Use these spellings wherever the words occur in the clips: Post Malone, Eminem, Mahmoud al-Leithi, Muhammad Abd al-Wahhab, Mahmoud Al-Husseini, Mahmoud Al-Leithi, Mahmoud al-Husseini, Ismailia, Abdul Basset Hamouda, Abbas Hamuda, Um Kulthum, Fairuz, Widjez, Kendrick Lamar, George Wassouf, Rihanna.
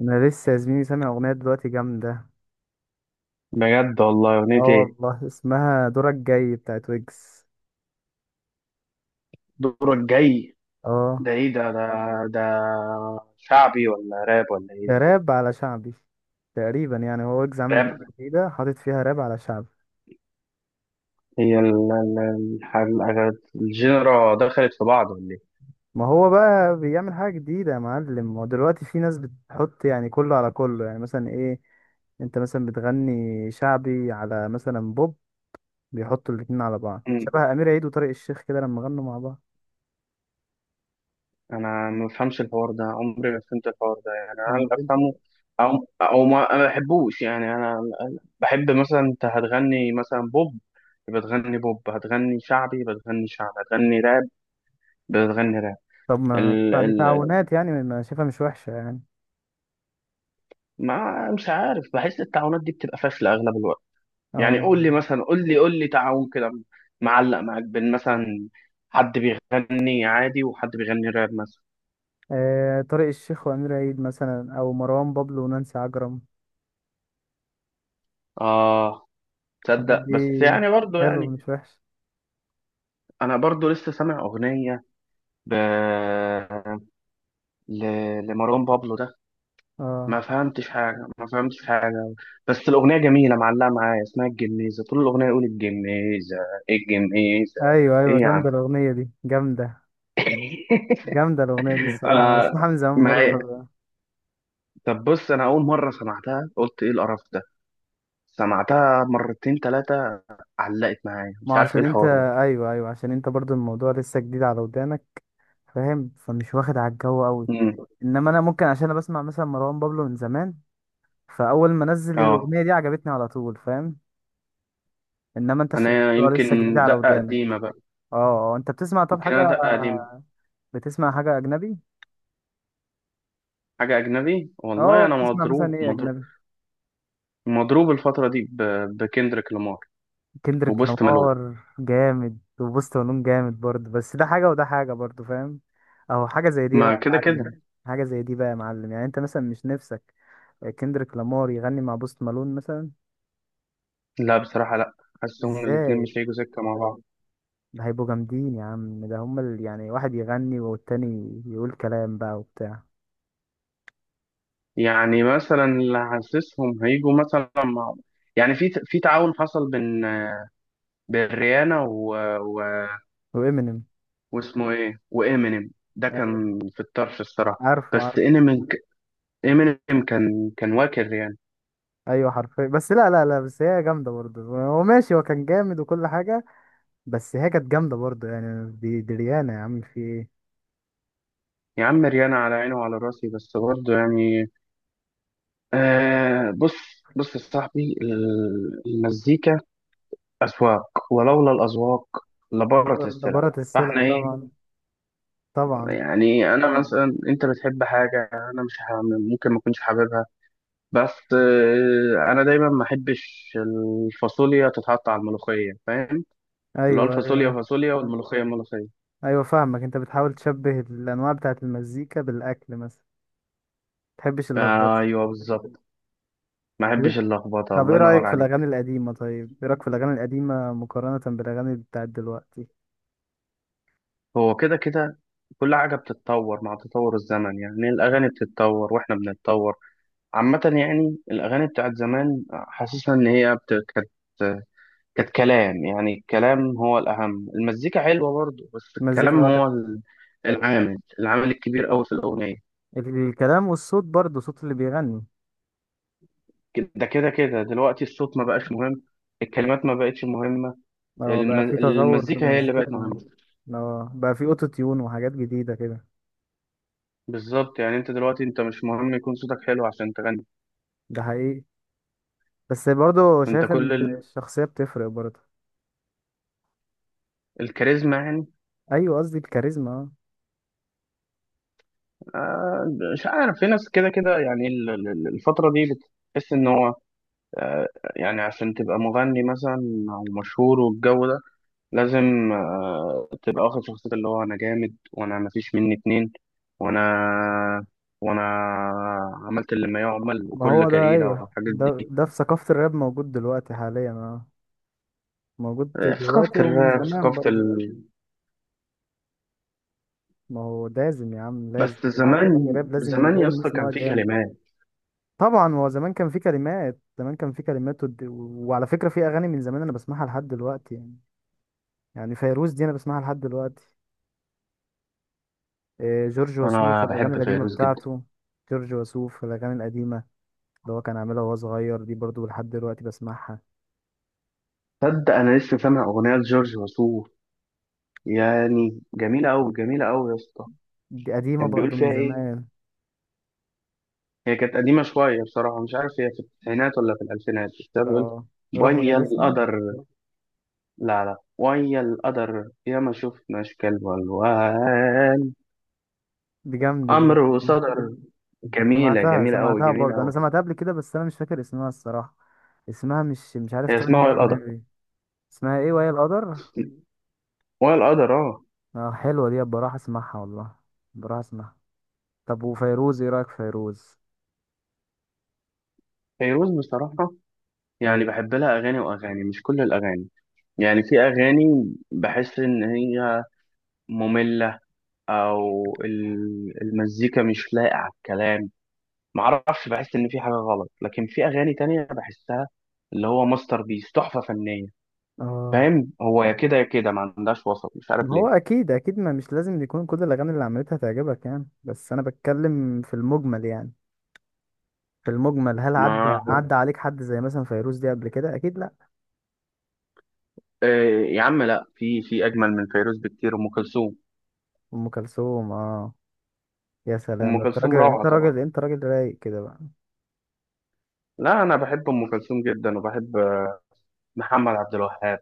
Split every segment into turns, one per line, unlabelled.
انا لسه يا زميلي سامع اغنيه دلوقتي جامده.
بجد والله أغنية
اه،
إيه؟
والله اسمها دورك جاي بتاعت ويجز.
دورك جاي.
اه.
ده إيه ده شعبي ولا راب ولا إيه
ده
دي؟
راب على شعبي تقريبا يعني. هو ويجز عامل اغنيه
راب.
جديده حاطط فيها راب على شعبي.
هي الجنرا دخلت في بعض ولا إيه؟
ما هو بقى بيعمل حاجه جديده يا معلم. هو دلوقتي في ناس بتحط يعني كله على كله يعني مثلا ايه. انت مثلا بتغني شعبي على مثلا بوب. بيحطوا الاتنين على بعض
مم.
شبه امير عيد وطارق الشيخ كده لما غنوا مع بعض.
أنا ما بفهمش الحوار ده، عمري ما فهمت الحوار ده. يعني
طب
أنا
ما
اللي أفهمه،
انت-
أو ما بحبوش. يعني أنا بحب مثلا، أنت هتغني مثلا بوب يبقى تغني بوب، هتغني شعبي يبقى تغني شعبي، هتغني راب يبقى تغني راب.
طب ما
ال
بتاع- دي
ال
تعاونات يعني ما شايفها مش وحشه يعني.
ما مش عارف، بحس التعاونات دي بتبقى فاشلة أغلب الوقت. يعني
اه،
قول لي مثلا، قول لي تعاون كده معلق معاك بين مثلا حد بيغني عادي وحد بيغني راب مثلا.
آه، طارق الشيخ وأمير عيد مثلا أو مروان بابلو ونانسي عجرم.
اه.
الحاجات
تصدق،
دي
بس يعني برضه
حلو مش
يعني
وحش.
انا برضه لسه سامع اغنيه ب... ل... لمروان بابلو ده، ما
اه،
فهمتش حاجه ما فهمتش حاجه. بس الاغنيه جميله معلقه معايا، اسمها الجميزه، طول الاغنيه يقول الجميزه الجميزه.
ايوه،
ايه
ايوه،
يا عم.
جامده الاغنيه دي جامده. جامده الاغنيه دي الصراحه انا
آه.
بسمعها من زمان
ما
برضه خلي بالك.
طب بص، انا اول مره سمعتها قلت ايه القرف ده. سمعتها مرتين تلاتة علقت معايا،
ما
مش
هو
عارف ايه
عشان انت
الحوار ده.
ايوه، ايوه، عشان انت برضه الموضوع لسه جديد على ودانك. فاهم، فمش واخد على الجو قوي.
امم.
انما انا ممكن عشان انا بسمع مثلا مروان بابلو من زمان. فاول ما نزل
اه.
الاغنيه دي عجبتني على طول، فاهم. انما انت عشان
انا
الموضوع لسه جديد
يمكن
على
دقة
ودانك.
قديمة بقى.
اه، آه، انت بتسمع طب
يمكن
حاجه،
انا دقة قديمة.
بتسمع حاجه اجنبي؟
حاجة اجنبي،
اه،
والله انا
بتسمع مثلا
مضروب
ايه
مضروب،
اجنبي؟
مضروب الفترة دي بكندريك لامار
كندريك
وبوست مالون.
لامار جامد وبوست ونون جامد برضه، بس ده حاجه وده حاجه برضه، فاهم. اهو حاجه زي دي بقى
ما
يا
كده
معلم.
كده.
حاجه زي دي بقى يا معلم، يعني انت مثلا مش نفسك كندريك لامار يغني مع بوست مالون مثلا؟
لا بصراحة لا، حاسسهم الاتنين
ازاي؟
مش هيجوا سكة مع بعض.
ده هيبقوا جامدين يا عم، ده هما يعني واحد يغني والتاني يقول كلام بقى وبتاع.
يعني مثلا اللي حاسسهم هيجوا مثلا مع، يعني في تعاون حصل بين، بين ريانا
وامينيم.
واسمه ايه وامينيم، ده
أيوة.
كان في الطرش الصراحه.
عارفه،
بس
عارفه.
امينيم، امينيم كان واكل ريان.
ايوه حرفيا، بس لا، لا، لا، بس هي جامده برضه، هو ماشي، هو كان جامد وكل حاجه. بس هي كانت جامدة برضه، يعني دي ريانة يا عم، في ايه.
يا عم ريان على عيني وعلى راسي، بس برضه يعني آه. بص بص يا صاحبي، المزيكا اذواق، ولولا الاذواق لبارت السلع.
دبرت السلع
فاحنا
طبعا.
ايه
طبعا.
يعني، انا مثلا، انت بتحب حاجه انا مش ممكن ما اكونش حاببها. بس آه، انا دايما ما احبش الفاصوليا تتحط على الملوخيه، فاهم. اللي هو
ايوه،
الفاصوليا
ايوه،
فاصوليا والملوخية ملوخية.
ايوه، فاهمك، انت بتحاول تشبه الانواع بتاعت المزيكا بالاكل مثلا. متحبش اللخبطة.
ايوه بالظبط، ما
طب إيه،
احبش اللخبطة،
طب
الله
ايه رأيك
ينور
في الاغاني
عليك.
القديمة طيب ايه رأيك في الاغاني القديمة مقارنة بالاغاني بتاعت دلوقتي؟
هو كده كده، كل حاجة بتتطور مع تطور الزمن. يعني الأغاني بتتطور وإحنا بنتطور. عامة يعني الأغاني بتاعت زمان حاسسها إن هي كانت، كلام. يعني الكلام هو الأهم، المزيكا حلوة برضه بس الكلام
المزيكا
هو
كانت.
العامل الكبير أوي في الأغنية.
الكلام والصوت برضه، صوت اللي بيغني.
ده كده كده، دلوقتي الصوت ما بقاش مهم، الكلمات ما بقتش مهمة.
اه، بقى في تطور في
المزيكا هي اللي
المزيكا
بقت
فعلا.
مهمة.
اه، بقى في اوتو تيون وحاجات جديدة كده.
بالظبط، يعني انت دلوقتي انت مش مهم يكون صوتك حلو عشان تغني.
ده حقيقي. بس برضه
انت
شايف ان
كل
الشخصية بتفرق برضه.
الكاريزما يعني.
ايوه، قصدي الكاريزما، اه.
آه مش عارف، في ناس كده كده يعني الفترة دي بتحس ان هو آه يعني عشان تبقى مغني مثلا، او مشهور والجو ده، لازم تبقى واخد شخصية اللي هو انا جامد وانا مفيش مني اتنين، وانا وانا عملت اللي ما يعمل
ما
وكل
هو ده،
كريلة
ايوه،
والحاجات
ده
دي.
ده في ثقافة الراب موجود دلوقتي حاليا اه. موجود
آه، ثقافة
دلوقتي ومن
الراب،
زمان
ثقافة
برضه. ما هو لازم يا عم، لازم
بس
واحد
زمان
بيغني راب لازم
زمان
يبين
يا اسطى
الناس ان هو
كان في
جامد.
كلمات.
طبعا، هو زمان كان في كلمات، زمان كان في كلمات وعلى فكرة في اغاني من زمان انا بسمعها لحد دلوقتي يعني. يعني فيروز دي انا بسمعها لحد دلوقتي. إيه، جورج وسوف
انا
الاغاني
بحب
القديمة
فيروز جدا.
بتاعته. جورج وسوف الاغاني القديمة اللي هو كان عاملها وهو صغير دي برضو لحد دلوقتي بسمعها.
تصدق انا لسه سامع اغنيه لجورج وسوف، يعني جميله قوي جميله قوي يا اسطى.
دي قديمة
كان بيقول
برضو من
فيها ايه؟
زمان.
هي كانت قديمه شويه بصراحه، مش عارف هي في التسعينات ولا في الالفينات، بس هي بيقول
اه، روحي يا
ويا
نسمة.
القدر. لا لا، ويا القدر يا ما شفناش كلب والوان،
دي جامدة دي.
امر صدر. جميله
سمعتها
جميله قوي
سمعتها
جميله
برضو، أنا
قوي.
سمعتها قبل كده، بس أنا مش فاكر اسمها الصراحة. اسمها مش عارف،
هي
طالع
اسمها
من
ويا القدر،
دماغي. اسمها ايه وهي القدر؟
ويا القدر اه.
اه، حلوة دي، بروح اسمعها والله. بروح اسمعها. طب، وفيروز ايه رأيك في فيروز؟
فيروز بصراحه يعني
ايوه.
بحب لها اغاني واغاني، مش كل الاغاني. يعني في أغاني بحس إن هي مملة، أو المزيكا مش لايقة على الكلام. معرفش، بحس إن في حاجة غلط. لكن في أغاني تانية بحسها اللي هو ماستر بيس تحفة فنية.
اه،
فاهم، هو يا كده يا كده، ما عندهاش وسط مش عارف
ما هو
ليه.
اكيد، اكيد، ما مش لازم يكون كل الاغاني اللي عملتها تعجبك يعني. بس انا بتكلم في المجمل يعني. في المجمل هل عدى
ما
عدى عليك حد زي مثلا فيروز دي قبل كده؟ اكيد لا.
آه، يا عم لا، في أجمل من فيروز بكتير، أم كلثوم.
ام كلثوم، اه. يا سلام،
أم
ده انت
كلثوم
راجل،
روعة
انت
طبعا.
راجل، انت راجل رايق كده بقى.
لا أنا بحب أم كلثوم جدا، وبحب محمد عبد الوهاب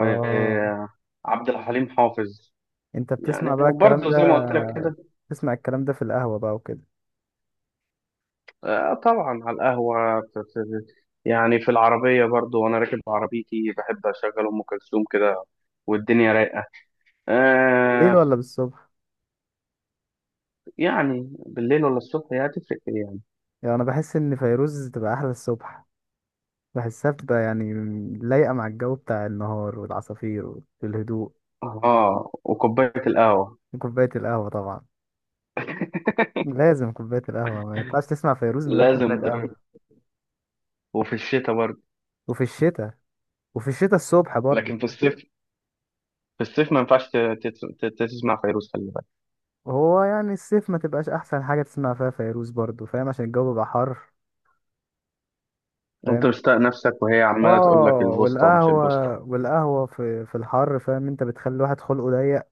اه،
الحليم حافظ.
انت بتسمع
يعني
بقى الكلام
وبرضه زي ما
ده.
قلت لك كده.
بتسمع الكلام ده في القهوة بقى وكده.
آه طبعا، على القهوة يعني في العربية برضه، وأنا راكب عربيتي بحب أشغل أم كلثوم كده والدنيا رايقة.
بالليل
آه،
ولا بالصبح؟
يعني بالليل ولا الصبح، هي هتفرق إيه يعني؟
يعني انا بحس ان فيروز تبقى احلى الصبح. بحسها بتبقى يعني لايقة مع الجو بتاع النهار والعصافير والهدوء.
آه وكوباية القهوة.
وكوباية القهوة طبعا. لازم كوباية القهوة، ما ينفعش تسمع فيروز من غير
لازم
كوباية
در-
قهوة.
وفي الشتاء برضه.
وفي الشتاء وفي الشتاء الصبح برضه.
لكن في الصيف، في الصيف ما ينفعش تسمع فيروز، خلي بالك.
هو يعني الصيف ما تبقاش احسن حاجه تسمع فيها فيروز برضو، فاهم، عشان الجو بيبقى حر، فاهم.
أنت مشتاق نفسك وهي عمالة تقول لك
اه،
البوسطة ومش البوسطة.
والقهوه في الحر، فاهم، انت بتخلي الواحد خلقه ضيق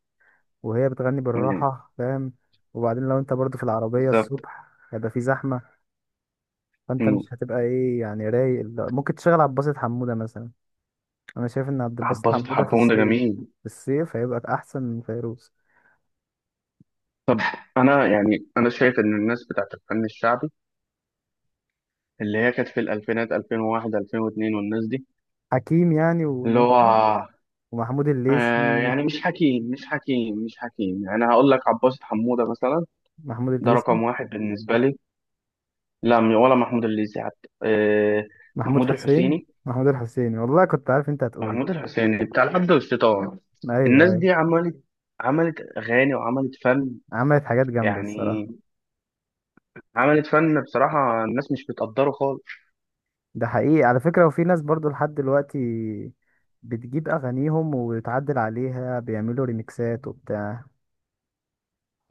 وهي بتغني
مم.
بالراحه، فاهم. وبعدين لو انت برضو في العربيه
بالظبط.
الصبح، هيبقى في زحمه. فانت
مم.
مش هتبقى ايه يعني، رايق، لا، ممكن تشغل عبد الباسط حموده مثلا. انا شايف ان عبد الباسط
حبوش
حموده في
حبهم ده
الصيف،
جميل.
في الصيف هيبقى احسن من فيروز.
انا يعني، انا شايف ان الناس بتاعت الفن الشعبي، اللي هي كانت في الالفينات 2001 2002، والناس دي
حكيم يعني
اللي هو
ومحمود
آه.
الليثي.
يعني مش حكيم مش حكيم مش حكيم، يعني انا هقول لك عباس حمودة مثلا،
محمود
ده
الليثي.
رقم واحد بالنسبة لي. لا ولا محمود الليثي حتى، آه. محمود الحسيني،
محمود الحسيني، والله كنت عارف انت هتقول.
محمود الحسيني بتاع العبد والشيطان.
ايوه،
الناس
ايوه.
دي عملت اغاني وعملت فن
عملت حاجات جامده
يعني.
الصراحه.
عملت فن بصراحة، الناس مش بتقدره خالص.
ده حقيقي على فكره، وفي ناس برضو لحد دلوقتي بتجيب اغانيهم وبتعدل عليها، بيعملوا ريميكسات وبتاع.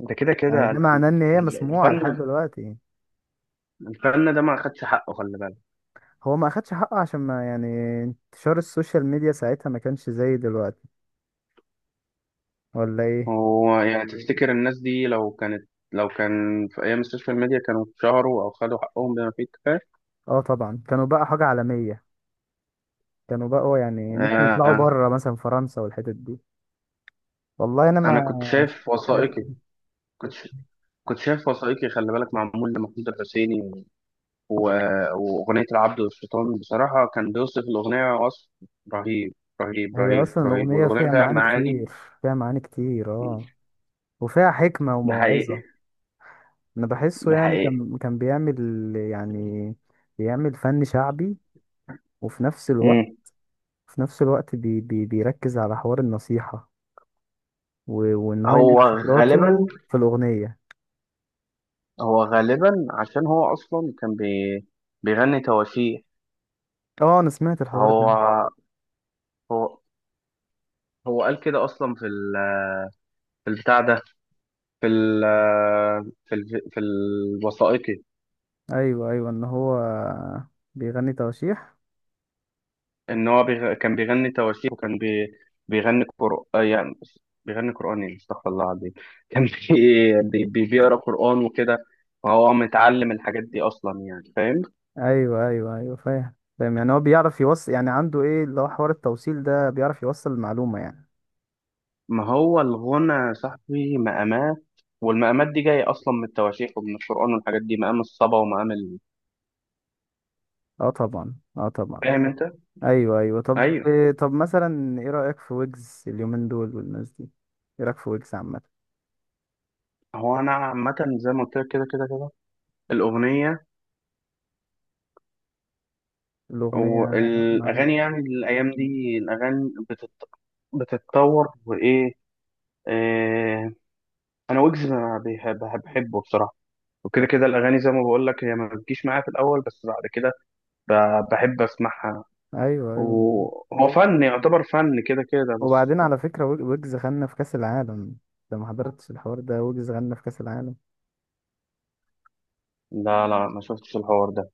ده كده
يعني ده
كده.
معناه ان هي مسموعه لحد
الفن
دلوقتي.
الفن ده ما أخدش حقه خلي بالك.
هو ما اخدش حقه عشان ما يعني انتشار السوشيال ميديا ساعتها ما كانش زي دلوقتي، ولا ايه؟
هو يعني تفتكر الناس دي لو كانت، لو كان في أيام السوشيال ميديا كانوا اتشهروا أو خدوا حقهم بما فيه الكفاية؟
اه، طبعا، كانوا بقى حاجه عالميه. كانوا بقى يعني ممكن يطلعوا
آه.
بره مثلا فرنسا والحتت دي. والله انا
أنا كنت
ما
شايف
شايف.
وثائقي، كنت ش- كنت شايف وثائقي خلي بالك، معمول لمحمود الحسيني و- وأغنية العبد والشيطان، بصراحة كان بيوصف الأغنية وصف رهيب، رهيب
هي
رهيب
اصلا
رهيب،
الاغنيه
والأغنية
فيها
فيها
معاني
معاني.
كتير. فيها معاني كتير، اه. وفيها حكمه
ده
وموعظه.
حقيقي.
انا بحسه
ده
يعني
حقيقي.
كان بيعمل يعني بيعمل فن شعبي. وفي نفس الوقت،
مم.
في نفس الوقت بي بي بيركز على حوار النصيحه. وان هو ينقل
هو غالبا،
خبراته في الاغنيه.
هو غالبا عشان هو اصلا كان بيغني تواشيح.
اه، انا سمعت الحوار
هو
ده.
هو هو قال كده اصلا في في البتاع ده، في في الوثائقي،
ايوه، ايوه، ان هو بيغني تواشيح.
ان هو كان بيغني تواشيح، وكان بيغني قرآن يعني. بيغني قرآن ايه، استغفر الله العظيم. كان بيقرا قرآن وكده. فهو متعلم الحاجات دي اصلا، يعني فاهم.
ايوه، ايوه، ايوه، فاهم، فاهم، يعني هو بيعرف يوصل، يعني عنده ايه اللي هو حوار التوصيل ده، بيعرف يوصل المعلومه يعني.
ما هو الغنى يا صاحبي مقامات، والمقامات دي جاية أصلا من التواشيح ومن القرآن والحاجات دي، مقام الصبا ومقام
اه، طبعا، اه، طبعا.
فاهم أنت؟
ايوه، ايوه، طب.
أيوه.
طب، مثلا ايه رأيك في ويجز اليومين دول والناس دي؟ ايه رأيك في ويجز عامة؟
هو أنا عامة زي ما قلت لك كده كده كده. الأغنية
الأغنية. مع-
والأغاني، يعني الأيام دي الأغاني بتتطور وإيه، إيه... أنا ويجز ما بيح- بح- بحبه بصراحة. وكده كده الأغاني زي ما بقول لك هي ما بتجيش معايا في الأول، بس بعد كده ب... بحب أسمعها،
ايوه، ايوه.
وهو فن يعتبر فن كده كده
وبعدين
بس.
على فكرة ويجز غنى في كأس العالم. انت ما حضرتش الحوار ده؟ ويجز غنى في كأس العالم.
لا لا، ما شفتش الحوار ده.